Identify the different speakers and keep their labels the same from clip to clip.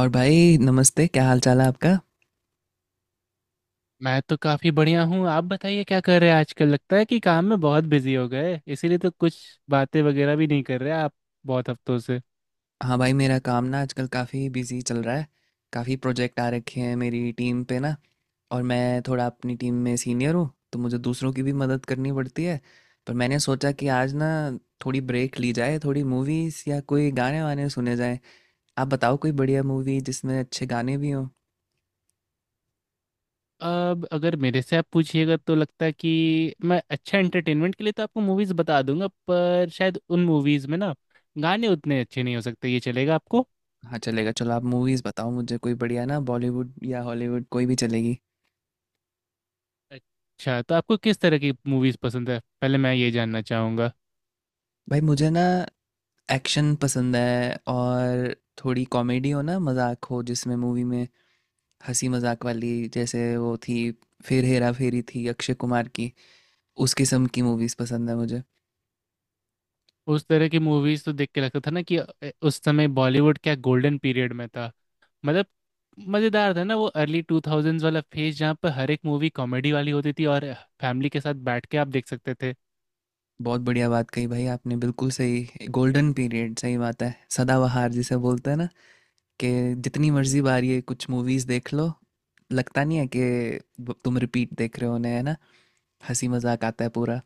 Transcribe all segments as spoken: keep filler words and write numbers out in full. Speaker 1: और भाई नमस्ते, क्या हाल चाल है आपका।
Speaker 2: मैं तो काफी बढ़िया हूँ। आप बताइए क्या कर रहे हैं आजकल। लगता है कि काम में बहुत बिजी हो गए इसीलिए तो कुछ बातें वगैरह भी नहीं कर रहे आप बहुत हफ्तों से।
Speaker 1: हाँ भाई, मेरा काम ना आजकल काफ़ी बिजी चल रहा है। काफ़ी प्रोजेक्ट आ रखे हैं मेरी टीम पे ना, और मैं थोड़ा अपनी टीम में सीनियर हूँ तो मुझे दूसरों की भी मदद करनी पड़ती है। पर मैंने सोचा कि आज ना थोड़ी ब्रेक ली जाए, थोड़ी मूवीज़ या कोई गाने वाने सुने जाएं। आप बताओ कोई बढ़िया मूवी जिसमें अच्छे गाने भी हों।
Speaker 2: अब अगर मेरे से आप पूछिएगा तो लगता है कि मैं अच्छा एंटरटेनमेंट के लिए तो आपको मूवीज बता दूंगा, पर शायद उन मूवीज में ना गाने उतने अच्छे नहीं हो सकते। ये चलेगा आपको?
Speaker 1: हाँ चलेगा, चलो आप मूवीज़ बताओ मुझे कोई बढ़िया ना, बॉलीवुड या हॉलीवुड कोई भी चलेगी।
Speaker 2: अच्छा, तो आपको किस तरह की मूवीज पसंद है, पहले मैं ये जानना चाहूंगा।
Speaker 1: भाई मुझे ना एक्शन पसंद है, और थोड़ी कॉमेडी हो ना, मजाक हो जिसमें, मूवी में हंसी मजाक वाली, जैसे वो थी फिर हेरा फेरी थी अक्षय कुमार की। उस किस्म की मूवीज पसंद है मुझे।
Speaker 2: उस तरह की मूवीज तो देख के लगता था ना कि अ, उस समय बॉलीवुड क्या गोल्डन पीरियड में था। मतलब मजेदार था ना वो अर्ली टू थाउजेंड्स वाला फेज जहाँ पर हर एक मूवी कॉमेडी वाली होती थी और फैमिली के साथ बैठ के आप देख सकते थे।
Speaker 1: बहुत बढ़िया बात कही भाई आपने, बिल्कुल सही, गोल्डन पीरियड, सही बात है, सदाबहार जिसे बोलते हैं ना, कि जितनी मर्जी बार ये कुछ मूवीज देख लो, लगता नहीं है कि ब- तुम रिपीट देख रहे हो उन्हें, है ना। हंसी मजाक आता है पूरा।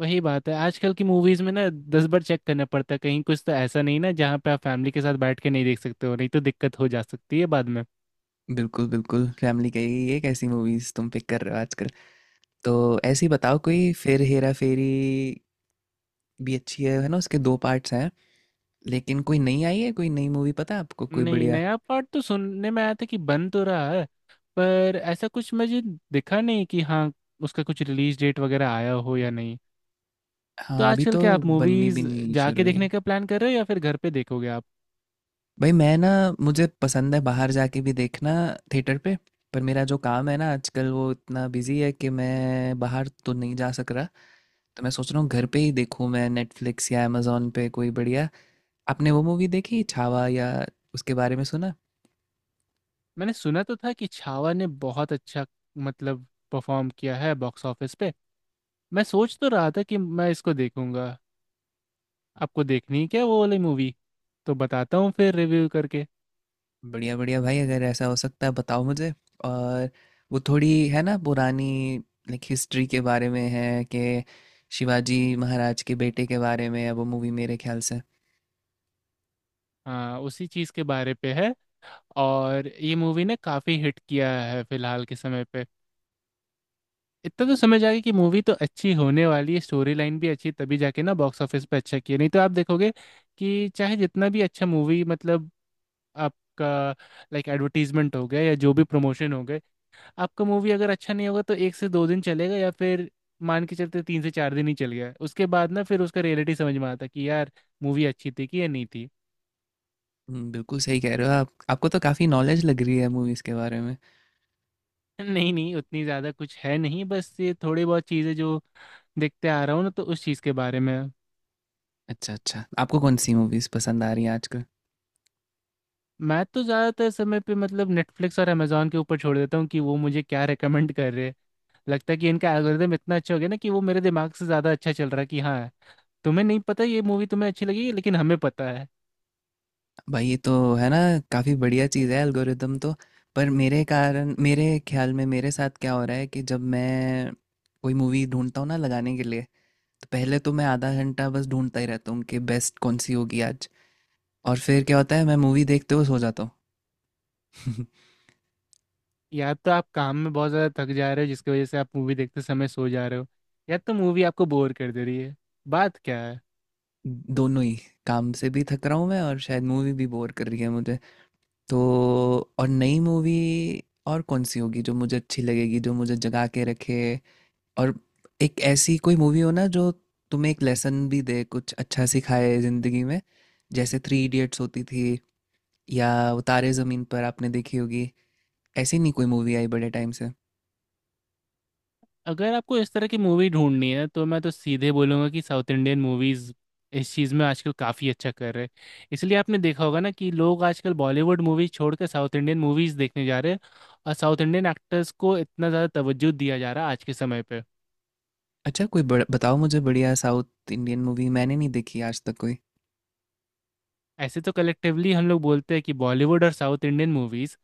Speaker 2: वही बात है, आजकल की मूवीज में ना दस बार चेक करना पड़ता है कहीं कुछ तो ऐसा नहीं ना जहाँ पे आप फैमिली के साथ बैठ के नहीं देख सकते हो, नहीं तो दिक्कत हो जा सकती है बाद में।
Speaker 1: बिल्कुल बिल्कुल, फैमिली कहेगी ये कैसी मूवीज तुम पिक कर रहे हो आजकल। तो ऐसी बताओ कोई, फिर हेरा फेरी भी अच्छी है है ना, उसके दो पार्ट्स हैं। लेकिन कोई नई आई है, कोई नई मूवी पता है आपको कोई
Speaker 2: नहीं,
Speaker 1: बढ़िया।
Speaker 2: नया पार्ट तो सुनने में आया था कि बन तो रहा है, पर ऐसा कुछ मुझे दिखा नहीं कि हाँ उसका कुछ रिलीज डेट वगैरह आया हो या नहीं। तो
Speaker 1: हाँ अभी
Speaker 2: आजकल
Speaker 1: तो
Speaker 2: क्या आप
Speaker 1: बननी भी
Speaker 2: मूवीज
Speaker 1: नहीं शुरू
Speaker 2: जाके
Speaker 1: हुई।
Speaker 2: देखने का प्लान कर रहे हो या फिर घर पे देखोगे आप?
Speaker 1: भाई मैं ना, मुझे पसंद है बाहर जाके भी देखना, थिएटर पे। पर मेरा जो काम है ना आजकल, वो इतना बिजी है कि मैं बाहर तो नहीं जा सक रहा। तो मैं सोच रहा हूँ घर पे ही देखूँ मैं नेटफ्लिक्स या अमेजोन पे कोई बढ़िया। आपने वो मूवी देखी छावा, या उसके बारे में सुना।
Speaker 2: मैंने सुना तो था कि छावा ने बहुत अच्छा मतलब परफॉर्म किया है बॉक्स ऑफिस पे। मैं सोच तो रहा था कि मैं इसको देखूंगा। आपको देखनी है क्या वो वाली मूवी? तो बताता हूँ फिर रिव्यू करके।
Speaker 1: बढ़िया बढ़िया भाई, अगर ऐसा हो सकता है बताओ मुझे। और वो थोड़ी है ना पुरानी, लाइक हिस्ट्री के बारे में है, कि शिवाजी महाराज के बेटे के बारे में है वो मूवी मेरे ख्याल से।
Speaker 2: हाँ, उसी चीज़ के बारे पे है और ये मूवी ने काफ़ी हिट किया है फिलहाल के समय पे। इतना तो समझ आ गया कि मूवी तो अच्छी होने वाली है, स्टोरी लाइन भी अच्छी, तभी जाके ना बॉक्स ऑफिस पे अच्छा किया, नहीं तो आप देखोगे कि चाहे जितना भी अच्छा मूवी मतलब आपका लाइक एडवर्टीजमेंट हो गया या जो भी प्रमोशन हो गए, आपका मूवी अगर अच्छा नहीं होगा तो एक से दो दिन चलेगा या फिर मान के चलते तीन से चार दिन ही चल गया, उसके बाद ना फिर उसका रियलिटी समझ में आता कि यार मूवी अच्छी थी कि या नहीं थी।
Speaker 1: हम्म, बिल्कुल सही कह रहे हो आप, आपको तो काफ़ी नॉलेज लग रही है मूवीज़ के बारे में।
Speaker 2: नहीं नहीं, उतनी ज़्यादा कुछ है नहीं, बस ये थोड़ी बहुत चीज़ें जो देखते आ रहा हूँ ना तो उस चीज़ के बारे में है।
Speaker 1: अच्छा अच्छा, आपको कौन सी मूवीज़ पसंद आ रही हैं आजकल।
Speaker 2: मैं तो ज़्यादातर समय पे मतलब नेटफ्लिक्स और अमेजोन के ऊपर छोड़ देता हूँ कि वो मुझे क्या रेकमेंड कर रहे हैं। लगता है कि इनका एल्गोरिदम इतना अच्छा हो गया ना कि वो मेरे दिमाग से ज़्यादा अच्छा चल रहा है कि हाँ तुम्हें नहीं पता ये मूवी तुम्हें अच्छी लगी, लेकिन हमें पता है।
Speaker 1: भाई ये तो है ना, काफ़ी बढ़िया चीज़ है एल्गोरिदम तो। पर मेरे कारण, मेरे ख्याल में मेरे साथ क्या हो रहा है कि जब मैं कोई मूवी ढूंढता हूँ ना लगाने के लिए, तो पहले तो मैं आधा घंटा बस ढूंढता ही रहता हूँ कि बेस्ट कौन सी होगी आज, और फिर क्या होता है मैं मूवी देखते हुए सो जाता हूँ।
Speaker 2: या तो आप काम में बहुत ज्यादा थक जा रहे हो जिसकी वजह से आप मूवी देखते समय सो जा रहे हो, या तो मूवी आपको बोर कर दे रही है। बात क्या है?
Speaker 1: दोनों ही, काम से भी थक रहा हूँ मैं और शायद मूवी भी बोर कर रही है मुझे। तो, और नई मूवी, और कौन सी होगी जो मुझे अच्छी लगेगी, जो मुझे जगा के रखे। और एक ऐसी कोई मूवी हो ना, जो तुम्हें एक लेसन भी दे, कुछ अच्छा सिखाए ज़िंदगी में। जैसे थ्री इडियट्स होती थी, या वो तारे ज़मीन पर आपने देखी होगी। ऐसी नहीं कोई मूवी आई बड़े टाइम से।
Speaker 2: अगर आपको इस तरह की मूवी ढूंढनी है तो मैं तो सीधे बोलूंगा कि साउथ इंडियन मूवीज इस चीज़ में आजकल काफ़ी अच्छा कर रहे हैं। इसलिए आपने देखा होगा ना कि लोग आजकल बॉलीवुड मूवीज छोड़कर साउथ इंडियन मूवीज देखने जा रहे हैं और साउथ इंडियन एक्टर्स को इतना ज़्यादा तवज्जो दिया जा रहा है आज के समय पे।
Speaker 1: अच्छा कोई बड़ा बताओ मुझे बढ़िया साउथ इंडियन मूवी, मैंने नहीं देखी आज तक कोई।
Speaker 2: ऐसे तो कलेक्टिवली हम लोग बोलते हैं कि बॉलीवुड और साउथ इंडियन मूवीज,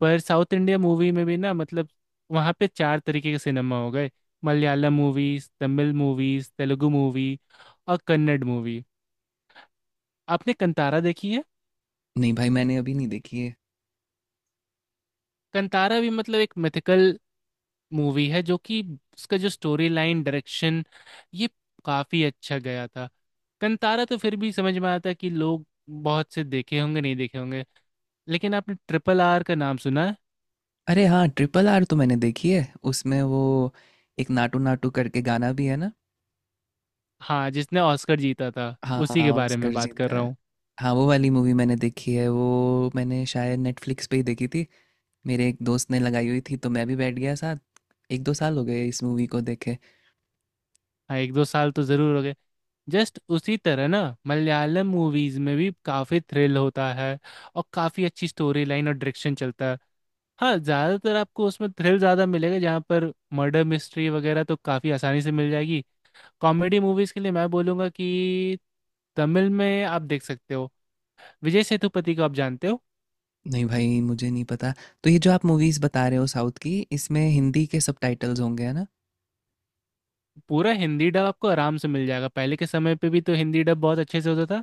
Speaker 2: पर साउथ इंडिया मूवी में भी ना मतलब वहाँ पे चार तरीके के सिनेमा हो गए। Malayalam movies, Tamil movies, Telugu movie और कन्नड़ मूवी। आपने कंतारा देखी है?
Speaker 1: नहीं भाई, मैंने अभी नहीं देखी है।
Speaker 2: कंतारा भी मतलब एक मिथिकल मूवी है, जो कि उसका जो स्टोरी लाइन, डायरेक्शन, ये काफी अच्छा गया था। कंतारा तो फिर भी समझ में आता है कि लोग बहुत से देखे होंगे, नहीं देखे होंगे, लेकिन आपने ट्रिपल आर का नाम सुना है?
Speaker 1: अरे हाँ, ट्रिपल आर तो मैंने देखी है। उसमें वो एक नाटू नाटू करके गाना भी है ना।
Speaker 2: हाँ, जिसने ऑस्कर जीता था,
Speaker 1: हाँ हाँ
Speaker 2: उसी
Speaker 1: हाँ,
Speaker 2: के बारे में
Speaker 1: ऑस्कर
Speaker 2: बात कर
Speaker 1: जीता
Speaker 2: रहा
Speaker 1: है।
Speaker 2: हूँ।
Speaker 1: हाँ वो वाली मूवी मैंने देखी है, वो मैंने शायद नेटफ्लिक्स पे ही देखी थी। मेरे एक दोस्त ने लगाई हुई थी तो मैं भी बैठ गया साथ। एक दो साल हो गए इस मूवी को देखे।
Speaker 2: हाँ, एक दो साल तो जरूर हो गए। जस्ट उसी तरह ना मलयालम मूवीज में भी काफी थ्रिल होता है और काफी अच्छी स्टोरी लाइन और डायरेक्शन चलता है। हाँ, ज्यादातर आपको उसमें थ्रिल ज्यादा मिलेगा, जहाँ पर मर्डर मिस्ट्री वगैरह तो काफी आसानी से मिल जाएगी। कॉमेडी मूवीज के लिए मैं बोलूंगा कि तमिल में आप देख सकते हो। विजय सेतुपति को आप जानते हो?
Speaker 1: नहीं भाई मुझे नहीं पता। तो ये जो आप मूवीज बता रहे हो साउथ की, इसमें हिंदी के सबटाइटल्स होंगे है ना।
Speaker 2: पूरा हिंदी डब आपको आराम से मिल जाएगा, पहले के समय पे भी तो हिंदी डब बहुत अच्छे से होता था।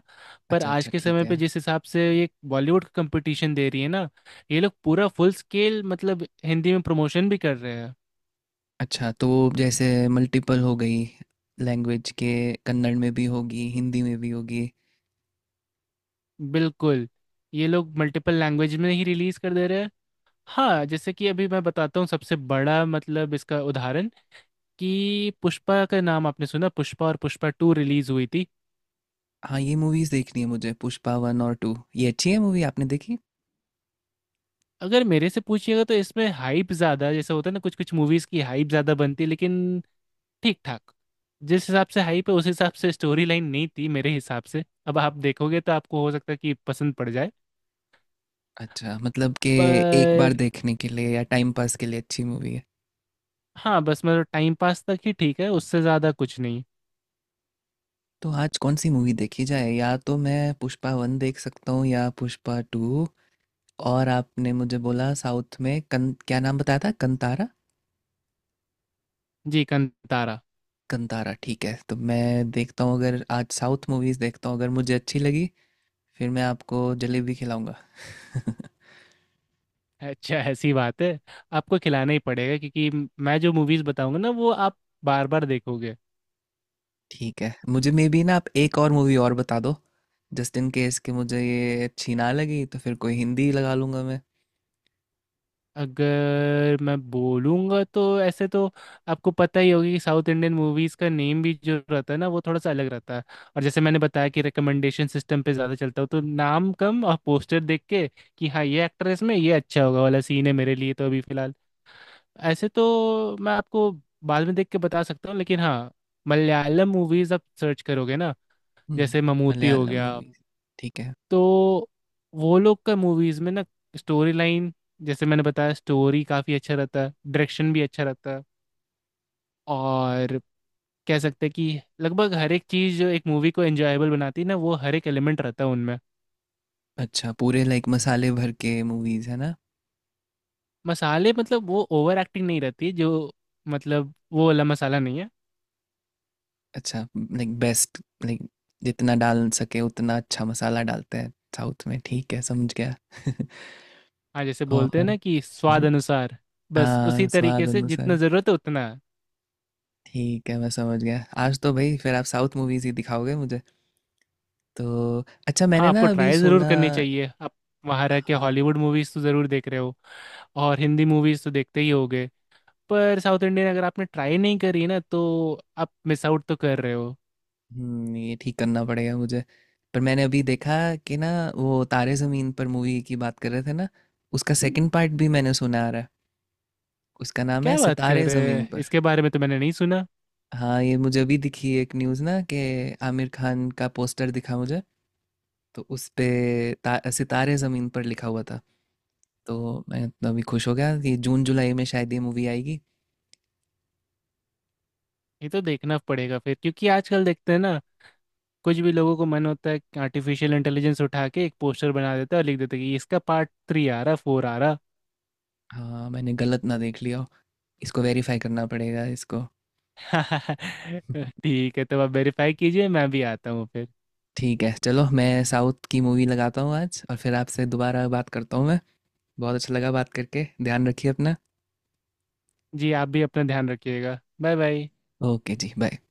Speaker 2: पर
Speaker 1: अच्छा
Speaker 2: आज
Speaker 1: अच्छा
Speaker 2: के
Speaker 1: ठीक
Speaker 2: समय
Speaker 1: है।
Speaker 2: पे जिस हिसाब से ये बॉलीवुड का कंपटीशन दे रही है ना, ये लोग पूरा फुल स्केल मतलब हिंदी में प्रमोशन भी कर रहे हैं।
Speaker 1: अच्छा, तो जैसे मल्टीपल हो गई लैंग्वेज के, कन्नड़ में भी होगी, हिंदी में भी होगी।
Speaker 2: बिल्कुल ये लोग मल्टीपल लैंग्वेज में ही रिलीज कर दे रहे हैं। हाँ, जैसे कि अभी मैं बताता हूँ सबसे बड़ा मतलब इसका उदाहरण कि पुष्पा का नाम आपने सुना, पुष्पा और पुष्पा टू रिलीज हुई थी।
Speaker 1: हाँ, ये मूवीज़ देखनी है मुझे, पुष्पा वन और टू, ये अच्छी है मूवी आपने देखी?
Speaker 2: अगर मेरे से पूछिएगा तो इसमें हाइप ज़्यादा, जैसे होता है ना कुछ कुछ मूवीज़ की हाइप ज़्यादा बनती है, लेकिन ठीक ठाक, जिस हिसाब से हाइप है उस हिसाब से स्टोरी लाइन नहीं थी मेरे हिसाब से। अब आप देखोगे तो आपको हो सकता है कि पसंद पड़ जाए,
Speaker 1: अच्छा, मतलब कि एक बार
Speaker 2: पर
Speaker 1: देखने के लिए या टाइम पास के लिए अच्छी मूवी है।
Speaker 2: हाँ, बस मतलब टाइम पास तक ही ठीक है, उससे ज़्यादा कुछ नहीं।
Speaker 1: तो आज कौन सी मूवी देखी जाए? या तो मैं पुष्पा वन देख सकता हूँ या पुष्पा टू। और आपने मुझे बोला साउथ में कन, क्या नाम बताया था, कंतारा?
Speaker 2: जी, कंतारा।
Speaker 1: कंतारा ठीक है, तो मैं देखता हूँ, अगर आज साउथ मूवीज़ देखता हूँ अगर मुझे अच्छी लगी, फिर मैं आपको जलेबी खिलाऊंगा।
Speaker 2: अच्छा, ऐसी बात है? आपको खिलाना ही पड़ेगा, क्योंकि मैं जो मूवीज़ बताऊंगा ना वो आप बार बार देखोगे।
Speaker 1: ठीक है, मुझे मे बी ना आप एक और मूवी और बता दो, जस्ट इन केस कि मुझे ये अच्छी ना लगी तो फिर कोई हिंदी लगा लूंगा मैं।
Speaker 2: अगर मैं बोलूँगा तो ऐसे तो आपको पता ही होगी कि साउथ इंडियन मूवीज़ का नेम भी जो रहता है ना वो थोड़ा सा अलग रहता है। और जैसे मैंने बताया कि रिकमेंडेशन सिस्टम पे ज़्यादा चलता हो तो नाम कम और पोस्टर देख के कि हाँ ये एक्टर है इसमें, ये अच्छा होगा वाला सीन है मेरे लिए, तो अभी फ़िलहाल ऐसे तो मैं आपको बाद में देख के बता सकता हूँ, लेकिन हाँ मलयालम मूवीज़ आप सर्च करोगे ना,
Speaker 1: हम्म
Speaker 2: जैसे ममूटी हो
Speaker 1: मलयालम
Speaker 2: गया,
Speaker 1: मूवीज, ठीक है।
Speaker 2: तो वो लोग का मूवीज में ना स्टोरी लाइन, जैसे मैंने बताया, स्टोरी काफी अच्छा रहता है, डायरेक्शन भी अच्छा रहता है, और कह सकते हैं कि लगभग हर एक चीज जो एक मूवी को एंजॉयबल बनाती है ना वो हर एक एलिमेंट रहता है उनमें।
Speaker 1: अच्छा पूरे लाइक मसाले भर के मूवीज है ना।
Speaker 2: मसाले मतलब वो ओवर एक्टिंग नहीं रहती जो, मतलब वो वाला मसाला नहीं है।
Speaker 1: अच्छा, लाइक बेस्ट, लाइक जितना डाल सके उतना अच्छा मसाला डालते हैं साउथ में, ठीक है समझ गया।
Speaker 2: हाँ, जैसे बोलते हैं
Speaker 1: और,
Speaker 2: ना कि स्वाद
Speaker 1: हम्म,
Speaker 2: अनुसार, बस
Speaker 1: हाँ
Speaker 2: उसी
Speaker 1: स्वाद
Speaker 2: तरीके से जितना
Speaker 1: अनुसार।
Speaker 2: ज़रूरत है उतना।
Speaker 1: ठीक है मैं समझ गया, आज तो भाई फिर आप साउथ मूवीज ही दिखाओगे मुझे। तो अच्छा
Speaker 2: हाँ,
Speaker 1: मैंने ना
Speaker 2: आपको
Speaker 1: अभी
Speaker 2: ट्राई ज़रूर
Speaker 1: सुना,
Speaker 2: करनी चाहिए। आप वहाँ रह के
Speaker 1: हाँ,
Speaker 2: हॉलीवुड मूवीज़ तो ज़रूर देख रहे हो और हिंदी मूवीज़ तो देखते ही होगे, पर साउथ इंडियन अगर आपने ट्राई नहीं करी ना तो आप मिस आउट तो कर रहे हो।
Speaker 1: हुँ, ये ठीक करना पड़ेगा मुझे। पर मैंने अभी देखा कि ना, वो तारे ज़मीन पर मूवी की बात कर रहे थे ना, उसका सेकंड पार्ट भी मैंने सुना आ रहा है, उसका नाम है
Speaker 2: क्या बात कर
Speaker 1: सितारे
Speaker 2: रहे
Speaker 1: ज़मीन
Speaker 2: हैं?
Speaker 1: पर।
Speaker 2: इसके बारे में तो मैंने नहीं सुना।
Speaker 1: हाँ ये मुझे अभी दिखी एक न्यूज़ ना, कि आमिर खान का पोस्टर दिखा मुझे, तो उस पे ता, सितारे ज़मीन पर लिखा हुआ था। तो मैं इतना अभी खुश हो गया कि जून जुलाई में शायद ये मूवी आएगी।
Speaker 2: ये तो देखना पड़ेगा फिर, क्योंकि आजकल देखते हैं ना कुछ भी लोगों को मन होता है कि आर्टिफिशियल इंटेलिजेंस उठा के एक पोस्टर बना देता है और लिख देता है कि इसका पार्ट थ्री आ रहा, फोर आ रहा।
Speaker 1: हाँ मैंने गलत ना देख लिया हो, इसको वेरीफाई करना पड़ेगा इसको।
Speaker 2: ठीक है, तो आप वेरीफाई कीजिए, मैं भी आता हूँ फिर।
Speaker 1: ठीक है चलो, मैं साउथ की मूवी लगाता हूँ आज और फिर आपसे दोबारा बात करता हूँ मैं। बहुत अच्छा लगा बात करके, ध्यान रखिए अपना।
Speaker 2: जी, आप भी अपना ध्यान रखिएगा। Bye bye.
Speaker 1: ओके जी बाय।